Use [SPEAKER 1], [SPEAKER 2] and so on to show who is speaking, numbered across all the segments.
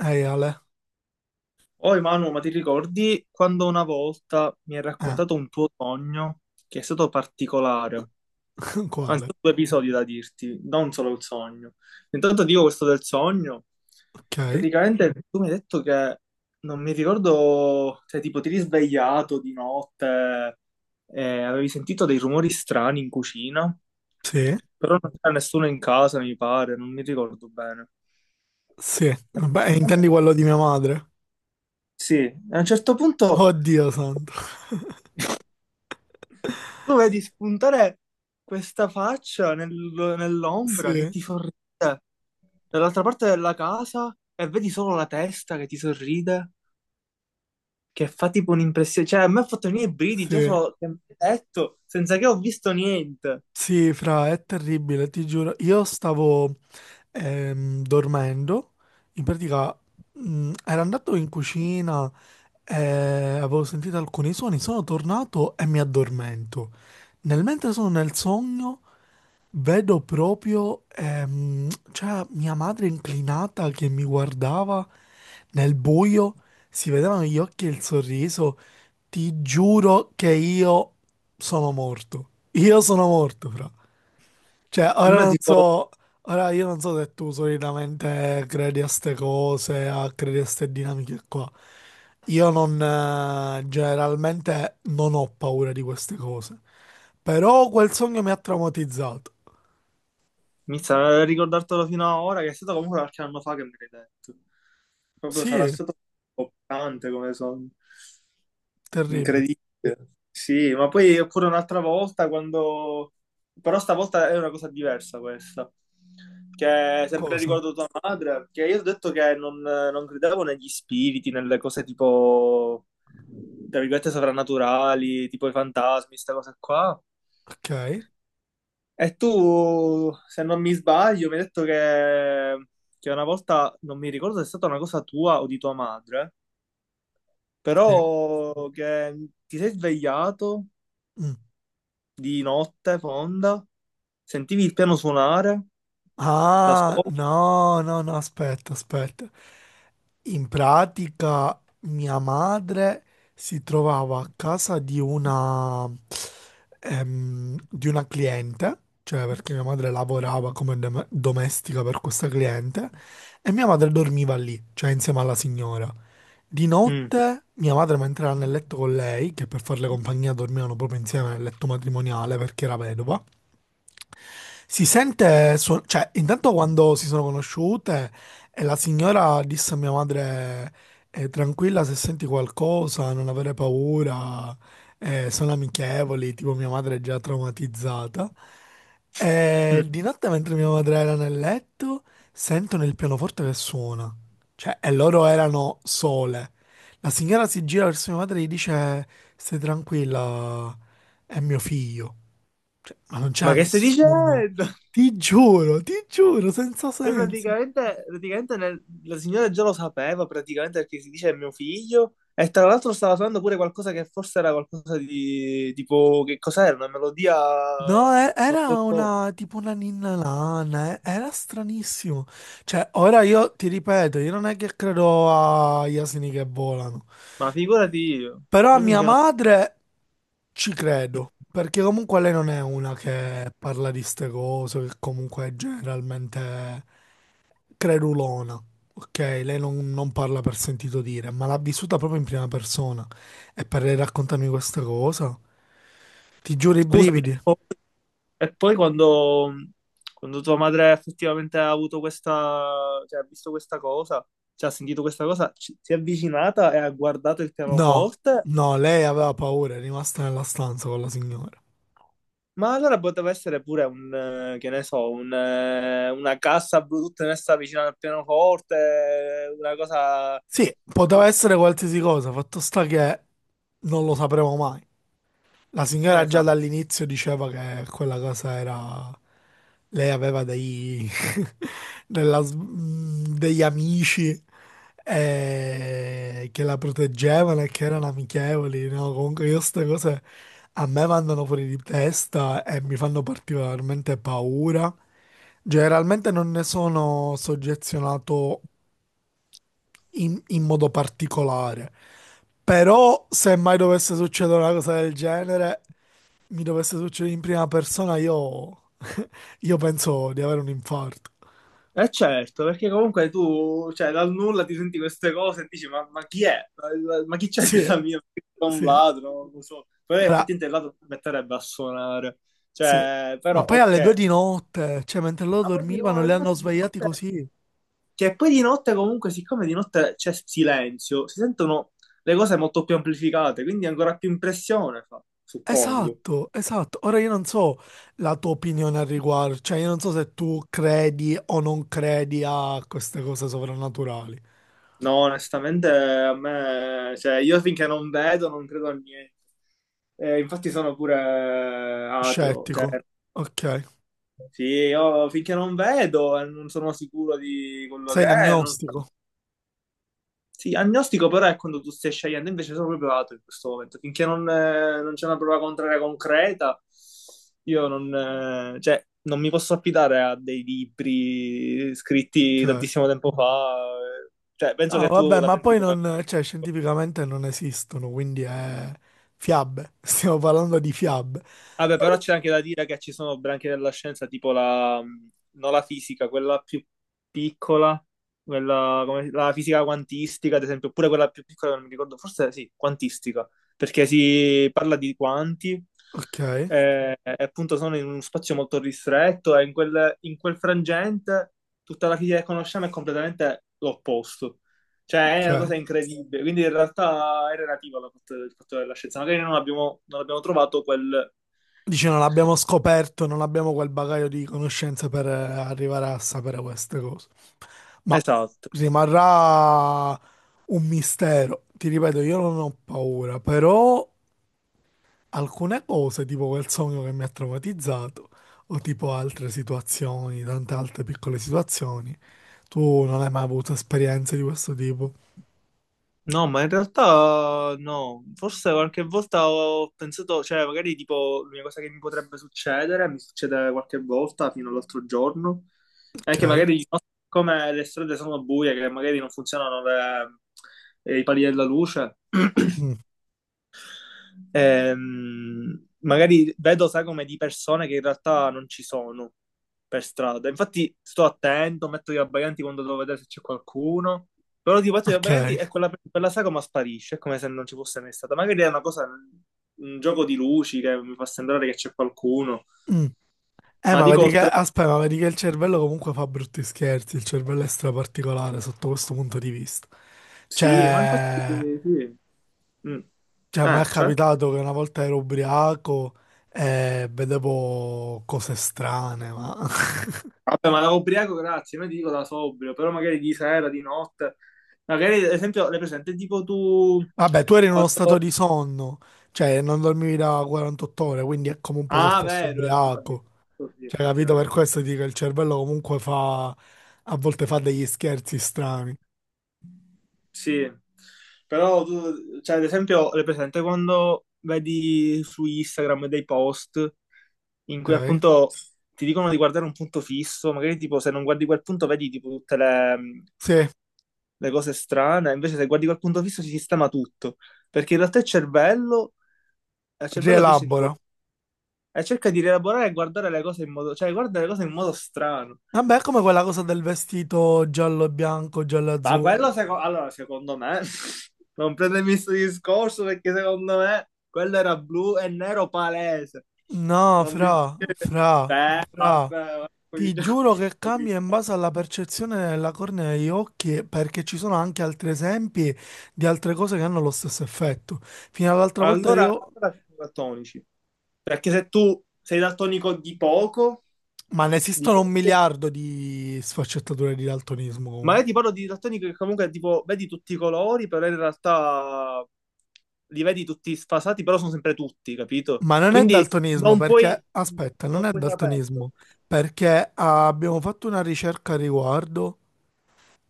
[SPEAKER 1] Ehi Ale,
[SPEAKER 2] Oh Emanuele, ma ti ricordi quando una volta mi hai
[SPEAKER 1] eh,
[SPEAKER 2] raccontato un tuo sogno che è stato particolare? Anzi,
[SPEAKER 1] quale?
[SPEAKER 2] ho due episodi da dirti, non solo il sogno. Intanto dico questo del sogno.
[SPEAKER 1] Ok,
[SPEAKER 2] Praticamente tu mi hai detto che non mi ricordo, cioè tipo ti eri svegliato di notte e avevi sentito dei rumori strani in cucina,
[SPEAKER 1] sì,
[SPEAKER 2] però non c'era nessuno in casa, mi pare, non mi ricordo bene.
[SPEAKER 1] sì,
[SPEAKER 2] E
[SPEAKER 1] beh,
[SPEAKER 2] praticamente-
[SPEAKER 1] intendi quello di mia madre?
[SPEAKER 2] sì, a un certo punto
[SPEAKER 1] Oddio santo,
[SPEAKER 2] tu vedi spuntare questa faccia nell'ombra che
[SPEAKER 1] sì,
[SPEAKER 2] ti sorride dall'altra parte della casa e vedi solo la testa che ti sorride, che fa tipo un'impressione. Cioè, a me ha fatto venire i brividi già
[SPEAKER 1] sì,
[SPEAKER 2] solo che mi hai detto, senza che ho visto niente.
[SPEAKER 1] sì, fra, è terribile, ti giuro, io stavo dormendo, in pratica ero andato in cucina e avevo sentito alcuni suoni, sono tornato e mi addormento. Nel mentre sono nel sogno, vedo proprio, cioè, mia madre inclinata che mi guardava. Nel buio si vedevano gli occhi e il sorriso. Ti giuro che io sono morto. Io sono morto, fra. Cioè, ora
[SPEAKER 2] Sembra
[SPEAKER 1] non
[SPEAKER 2] tipo,
[SPEAKER 1] so, ora io non so se tu solitamente credi a ste cose, a credi a ste dinamiche qua. Io non, generalmente non ho paura di queste cose. Però quel sogno mi ha traumatizzato.
[SPEAKER 2] mi sa, ricordartelo fino a ora, che è stato comunque qualche anno fa che me l'hai detto. Proprio sarà
[SPEAKER 1] Sì,
[SPEAKER 2] stato toccante come sogno.
[SPEAKER 1] terribile.
[SPEAKER 2] Incredibile. Sì, ma poi oppure un'altra volta quando... Però stavolta è una cosa diversa questa, che è sempre
[SPEAKER 1] Cosa?
[SPEAKER 2] riguardo tua madre, che io ho detto che non credevo negli spiriti, nelle cose tipo, tra virgolette, soprannaturali, tipo i fantasmi, queste cose qua.
[SPEAKER 1] Ok,
[SPEAKER 2] E tu, se non mi sbaglio, mi hai detto che una volta, non mi ricordo se è stata una cosa tua o di tua madre,
[SPEAKER 1] sì.
[SPEAKER 2] però che ti sei svegliato
[SPEAKER 1] Mm.
[SPEAKER 2] di notte fonda, sentivi il piano suonare da
[SPEAKER 1] Ah,
[SPEAKER 2] sopra.
[SPEAKER 1] no, no, no, aspetta, aspetta. In pratica mia madre si trovava a casa di una cliente, cioè perché mia madre lavorava come domestica per questa cliente, e mia madre dormiva lì, cioè insieme alla signora. Di
[SPEAKER 2] Mm.
[SPEAKER 1] notte mia madre mentre era nel letto con lei, che per farle compagnia dormivano proprio insieme nel letto matrimoniale perché era vedova, si sente, cioè, intanto quando si sono conosciute e la signora disse a mia madre, tranquilla se senti qualcosa, non avere paura, sono amichevoli, tipo mia madre è già traumatizzata. E di notte mentre mia madre era nel letto, sentono il pianoforte che suona, cioè, e loro erano sole. La signora si gira verso mia madre e gli dice, stai tranquilla, è mio figlio. Cioè, ma non
[SPEAKER 2] Ma
[SPEAKER 1] c'era
[SPEAKER 2] che stai
[SPEAKER 1] nessuno.
[SPEAKER 2] dicendo?
[SPEAKER 1] Ti giuro, senza
[SPEAKER 2] Cioè,
[SPEAKER 1] senso.
[SPEAKER 2] praticamente la signora già lo sapeva, praticamente perché si dice è mio figlio, e tra l'altro stava suonando pure qualcosa che forse era qualcosa di tipo, che cos'era? Una melodia,
[SPEAKER 1] No,
[SPEAKER 2] non
[SPEAKER 1] era
[SPEAKER 2] lo so,
[SPEAKER 1] una tipo una ninna lana, era stranissimo. Cioè, ora io ti ripeto, io non è che credo agli asini che volano,
[SPEAKER 2] ma figurati io,
[SPEAKER 1] però a
[SPEAKER 2] io
[SPEAKER 1] mia
[SPEAKER 2] finché non...
[SPEAKER 1] madre ci credo, perché comunque lei non è una che parla di ste cose, che comunque è generalmente credulona, ok? Lei non, non parla per sentito dire, ma l'ha vissuta proprio in prima persona. E per lei raccontarmi questa cosa, ti giuro i
[SPEAKER 2] Scusami,
[SPEAKER 1] brividi.
[SPEAKER 2] eh. E poi quando tua madre effettivamente ha avuto questa, cioè ha visto questa cosa, cioè ha sentito questa cosa, si è avvicinata e ha guardato il
[SPEAKER 1] No,
[SPEAKER 2] pianoforte,
[SPEAKER 1] no, lei aveva paura, è rimasta nella stanza con la signora.
[SPEAKER 2] ma allora poteva essere pure un, che ne so, un, una cassa Bluetooth messa vicino al pianoforte, una cosa,
[SPEAKER 1] Sì, poteva essere qualsiasi cosa, fatto sta che non lo sapremo mai. La
[SPEAKER 2] non
[SPEAKER 1] signora
[SPEAKER 2] ne
[SPEAKER 1] già
[SPEAKER 2] so.
[SPEAKER 1] dall'inizio diceva che quella casa era. Lei aveva degli amici che la proteggevano e che erano amichevoli, no? Comunque io queste cose a me vanno fuori di testa e mi fanno particolarmente paura. Generalmente non ne sono soggezionato in modo particolare, però se mai dovesse succedere una cosa del genere, mi dovesse succedere in prima persona, io penso di avere un infarto.
[SPEAKER 2] Eh certo, perché comunque tu, cioè, dal nulla ti senti queste cose e dici, ma chi è? Ma chi c'è a
[SPEAKER 1] Sì,
[SPEAKER 2] casa mia? È un
[SPEAKER 1] sì.
[SPEAKER 2] ladro, non lo so. Poi
[SPEAKER 1] Ora,
[SPEAKER 2] effettivamente il ladro ti metterebbe a suonare.
[SPEAKER 1] sì.
[SPEAKER 2] Cioè, però,
[SPEAKER 1] Ma poi alle due
[SPEAKER 2] ok.
[SPEAKER 1] di notte, cioè mentre loro
[SPEAKER 2] Ma poi di
[SPEAKER 1] dormivano,
[SPEAKER 2] no-
[SPEAKER 1] li hanno
[SPEAKER 2] infatti di
[SPEAKER 1] svegliati
[SPEAKER 2] notte...
[SPEAKER 1] così.
[SPEAKER 2] Cioè, poi di notte comunque, siccome di notte c'è silenzio, si sentono le cose molto più amplificate, quindi ancora più impressione fa, suppongo.
[SPEAKER 1] Esatto, esatto. Ora io non so la tua opinione al riguardo, cioè io non so se tu credi o non credi a queste cose sovrannaturali.
[SPEAKER 2] No, onestamente a me, cioè, io finché non vedo non credo a niente. Infatti sono pure ateo, cioè,
[SPEAKER 1] Scettico, ok.
[SPEAKER 2] sì, io finché non vedo e non sono sicuro di quello
[SPEAKER 1] Sei
[SPEAKER 2] che è. So.
[SPEAKER 1] agnostico,
[SPEAKER 2] Sì, agnostico però è quando tu stai scegliendo, invece sono proprio ateo in questo momento. Finché non, non c'è una prova contraria concreta, io non, cioè, non mi posso affidare a dei libri scritti
[SPEAKER 1] ok.
[SPEAKER 2] tantissimo tempo fa. eh. Cioè, penso
[SPEAKER 1] No,
[SPEAKER 2] che tu
[SPEAKER 1] vabbè,
[SPEAKER 2] la
[SPEAKER 1] ma
[SPEAKER 2] pensi
[SPEAKER 1] poi
[SPEAKER 2] come...
[SPEAKER 1] non, cioè scientificamente non esistono, quindi è fiabe. Stiamo parlando di fiabe.
[SPEAKER 2] Vabbè, però c'è anche da dire che ci sono branche della scienza, tipo la, non la fisica, quella più piccola, quella come, la fisica quantistica, ad esempio, oppure quella più piccola, non mi ricordo, forse sì, quantistica, perché si parla di quanti,
[SPEAKER 1] Ok,
[SPEAKER 2] e appunto sono in uno spazio molto ristretto e in quel frangente tutta la fisica che conosciamo è completamente l'opposto. Cioè, è una
[SPEAKER 1] ok.
[SPEAKER 2] cosa incredibile, quindi in realtà è relativa al fatto, il fatto della scienza. Magari non abbiamo trovato quel,
[SPEAKER 1] Dici, non abbiamo scoperto, non abbiamo quel bagaglio di conoscenze per arrivare a sapere queste cose. Ma
[SPEAKER 2] esatto.
[SPEAKER 1] rimarrà un mistero. Ti ripeto, io non ho paura, però alcune cose, tipo quel sogno che mi ha traumatizzato, o tipo altre situazioni, tante altre piccole situazioni, tu non hai mai avuto esperienze di questo tipo?
[SPEAKER 2] No, ma in realtà no, forse qualche volta ho pensato, cioè magari tipo l'unica cosa che mi potrebbe succedere, mi succede qualche volta fino all'altro giorno, è
[SPEAKER 1] Ok.
[SPEAKER 2] che magari di notte, come le strade sono buie, che magari non funzionano i pali della luce.
[SPEAKER 1] Mm.
[SPEAKER 2] Magari vedo sagome di persone che in realtà non ci sono per strada. Infatti sto attento, metto gli abbaglianti quando devo vedere se c'è qualcuno. Però tipo metto gli
[SPEAKER 1] Ok.
[SPEAKER 2] abbaglianti e quella sagoma sparisce, è come se non ci fosse mai stata. Magari è una cosa, un gioco di luci che mi fa sembrare che c'è qualcuno.
[SPEAKER 1] Mm.
[SPEAKER 2] Ma
[SPEAKER 1] Ma
[SPEAKER 2] dico
[SPEAKER 1] vedi che,
[SPEAKER 2] oltre...
[SPEAKER 1] aspetta, ma vedi che il cervello comunque fa brutti scherzi, il cervello è straparticolare sotto questo punto di vista.
[SPEAKER 2] Sì, ma infatti
[SPEAKER 1] Cioè,
[SPEAKER 2] sì. Mm.
[SPEAKER 1] cioè, a me è
[SPEAKER 2] C'è?
[SPEAKER 1] capitato che una volta ero ubriaco e vedevo cose strane, ma...
[SPEAKER 2] Vabbè, ma da ubriaco, grazie, non ti dico da sobrio, però magari di sera, di notte. Magari, ad esempio, le presente, tipo tu,
[SPEAKER 1] Vabbè, tu eri in uno stato
[SPEAKER 2] quando...
[SPEAKER 1] di sonno, cioè non dormivi da 48 ore, quindi è come un po' se
[SPEAKER 2] Ah,
[SPEAKER 1] fossi
[SPEAKER 2] vero, sì, vabbè,
[SPEAKER 1] ubriaco.
[SPEAKER 2] così
[SPEAKER 1] Cioè, capito? Per
[SPEAKER 2] effettivamente.
[SPEAKER 1] questo dico che il cervello comunque fa... a volte fa degli scherzi strani,
[SPEAKER 2] Sì, però tu, cioè, ad esempio, le presente quando vedi su Instagram dei post in cui
[SPEAKER 1] ok?
[SPEAKER 2] appunto ti dicono di guardare un punto fisso, magari tipo se non guardi quel punto vedi tipo tutte le, mm,
[SPEAKER 1] Sì,
[SPEAKER 2] le cose strane, invece se guardi quel punto fisso si sistema tutto, perché in realtà il cervello al cervello piace tipo,
[SPEAKER 1] rielabora.
[SPEAKER 2] e cerca di rielaborare e guardare le cose in modo, cioè guarda le cose in modo strano.
[SPEAKER 1] Vabbè, è come quella cosa del vestito giallo e bianco, giallo e
[SPEAKER 2] Ma quello,
[SPEAKER 1] azzurro.
[SPEAKER 2] allora, secondo me, non prendermi questo discorso perché secondo me quello era blu e nero palese.
[SPEAKER 1] No,
[SPEAKER 2] Non mi puoi
[SPEAKER 1] fra,
[SPEAKER 2] dire,
[SPEAKER 1] fra, fra.
[SPEAKER 2] vabbè,
[SPEAKER 1] Ti
[SPEAKER 2] cominciamo-
[SPEAKER 1] giuro che cambia in
[SPEAKER 2] cominciamo.
[SPEAKER 1] base alla percezione della cornea degli occhi, perché ci sono anche altri esempi di altre cose che hanno lo stesso effetto. Fino all'altra volta
[SPEAKER 2] allora,
[SPEAKER 1] io...
[SPEAKER 2] allora siamo daltonici. Perché se tu sei daltonico
[SPEAKER 1] Ma ne
[SPEAKER 2] di
[SPEAKER 1] esistono un
[SPEAKER 2] poco,
[SPEAKER 1] miliardo di sfaccettature di daltonismo
[SPEAKER 2] ma
[SPEAKER 1] comunque.
[SPEAKER 2] io ti parlo di didattonica che comunque tipo vedi tutti i colori, però in realtà li vedi tutti sfasati, però sono sempre tutti, capito?
[SPEAKER 1] Ma non è
[SPEAKER 2] Quindi
[SPEAKER 1] daltonismo perché, aspetta,
[SPEAKER 2] non
[SPEAKER 1] non è
[SPEAKER 2] puoi saperlo.
[SPEAKER 1] daltonismo perché abbiamo fatto una ricerca a riguardo.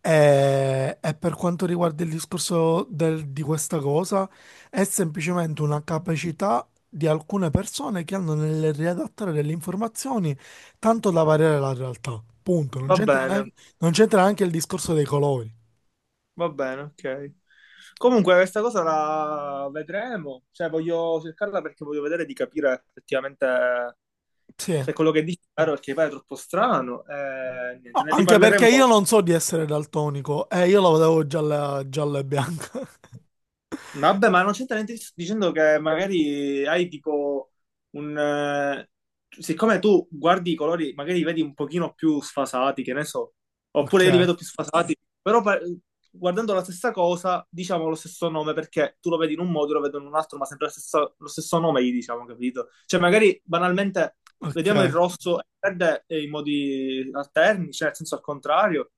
[SPEAKER 1] E per quanto riguarda il discorso di questa cosa, è semplicemente una capacità di alcune persone che hanno nel riadattare delle informazioni tanto da variare la realtà. Punto. Non
[SPEAKER 2] Va
[SPEAKER 1] c'entra
[SPEAKER 2] bene,
[SPEAKER 1] neanche, non c'entra neanche il discorso dei colori.
[SPEAKER 2] va bene, ok. Comunque questa cosa la vedremo, cioè voglio cercarla perché voglio vedere di capire effettivamente
[SPEAKER 1] Sì.
[SPEAKER 2] se quello che dici è vero, perché poi è troppo strano. Niente,
[SPEAKER 1] No,
[SPEAKER 2] ne
[SPEAKER 1] anche
[SPEAKER 2] riparleremo.
[SPEAKER 1] perché io non so di essere daltonico e io la vedevo gialla, gialla e bianca.
[SPEAKER 2] Vabbè, ma non c'entra niente dicendo che magari hai tipo un... siccome tu guardi i colori, magari li vedi un pochino più sfasati, che ne so,
[SPEAKER 1] Ok,
[SPEAKER 2] oppure io li vedo più sfasati, guardando la stessa cosa diciamo lo stesso nome perché tu lo vedi in un modo, io lo vedo in un altro, ma sempre lo stesso nome gli diciamo, capito? Cioè magari banalmente vediamo il
[SPEAKER 1] ok.
[SPEAKER 2] rosso e il verde in modi alterni, cioè nel senso al contrario.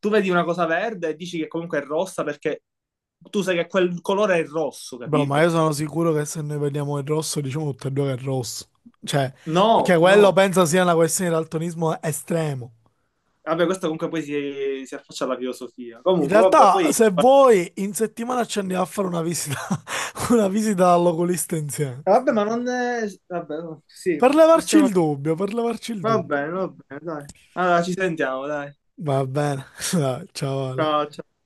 [SPEAKER 2] Tu vedi una cosa verde e dici che comunque è rossa perché tu sai che quel colore è il rosso,
[SPEAKER 1] Bro, ma
[SPEAKER 2] capito?
[SPEAKER 1] io sono sicuro che se noi vediamo il rosso, diciamo tutti e due che è rosso. Cioè,
[SPEAKER 2] No,
[SPEAKER 1] perché quello
[SPEAKER 2] no.
[SPEAKER 1] penso sia una questione di daltonismo estremo.
[SPEAKER 2] Vabbè, questo comunque poi si affaccia alla filosofia.
[SPEAKER 1] In
[SPEAKER 2] Comunque, vabbè,
[SPEAKER 1] realtà,
[SPEAKER 2] poi...
[SPEAKER 1] se vuoi, in settimana ci andiamo a fare una visita, una visita all'oculista insieme.
[SPEAKER 2] Vabbè, ma non è... Vabbè, no, sì,
[SPEAKER 1] Per levarci
[SPEAKER 2] possiamo...
[SPEAKER 1] il dubbio, per levarci il dubbio.
[SPEAKER 2] Va bene, dai. Allora, ci sentiamo, dai.
[SPEAKER 1] Va bene, dai, ciao Ale.
[SPEAKER 2] Ciao, ciao.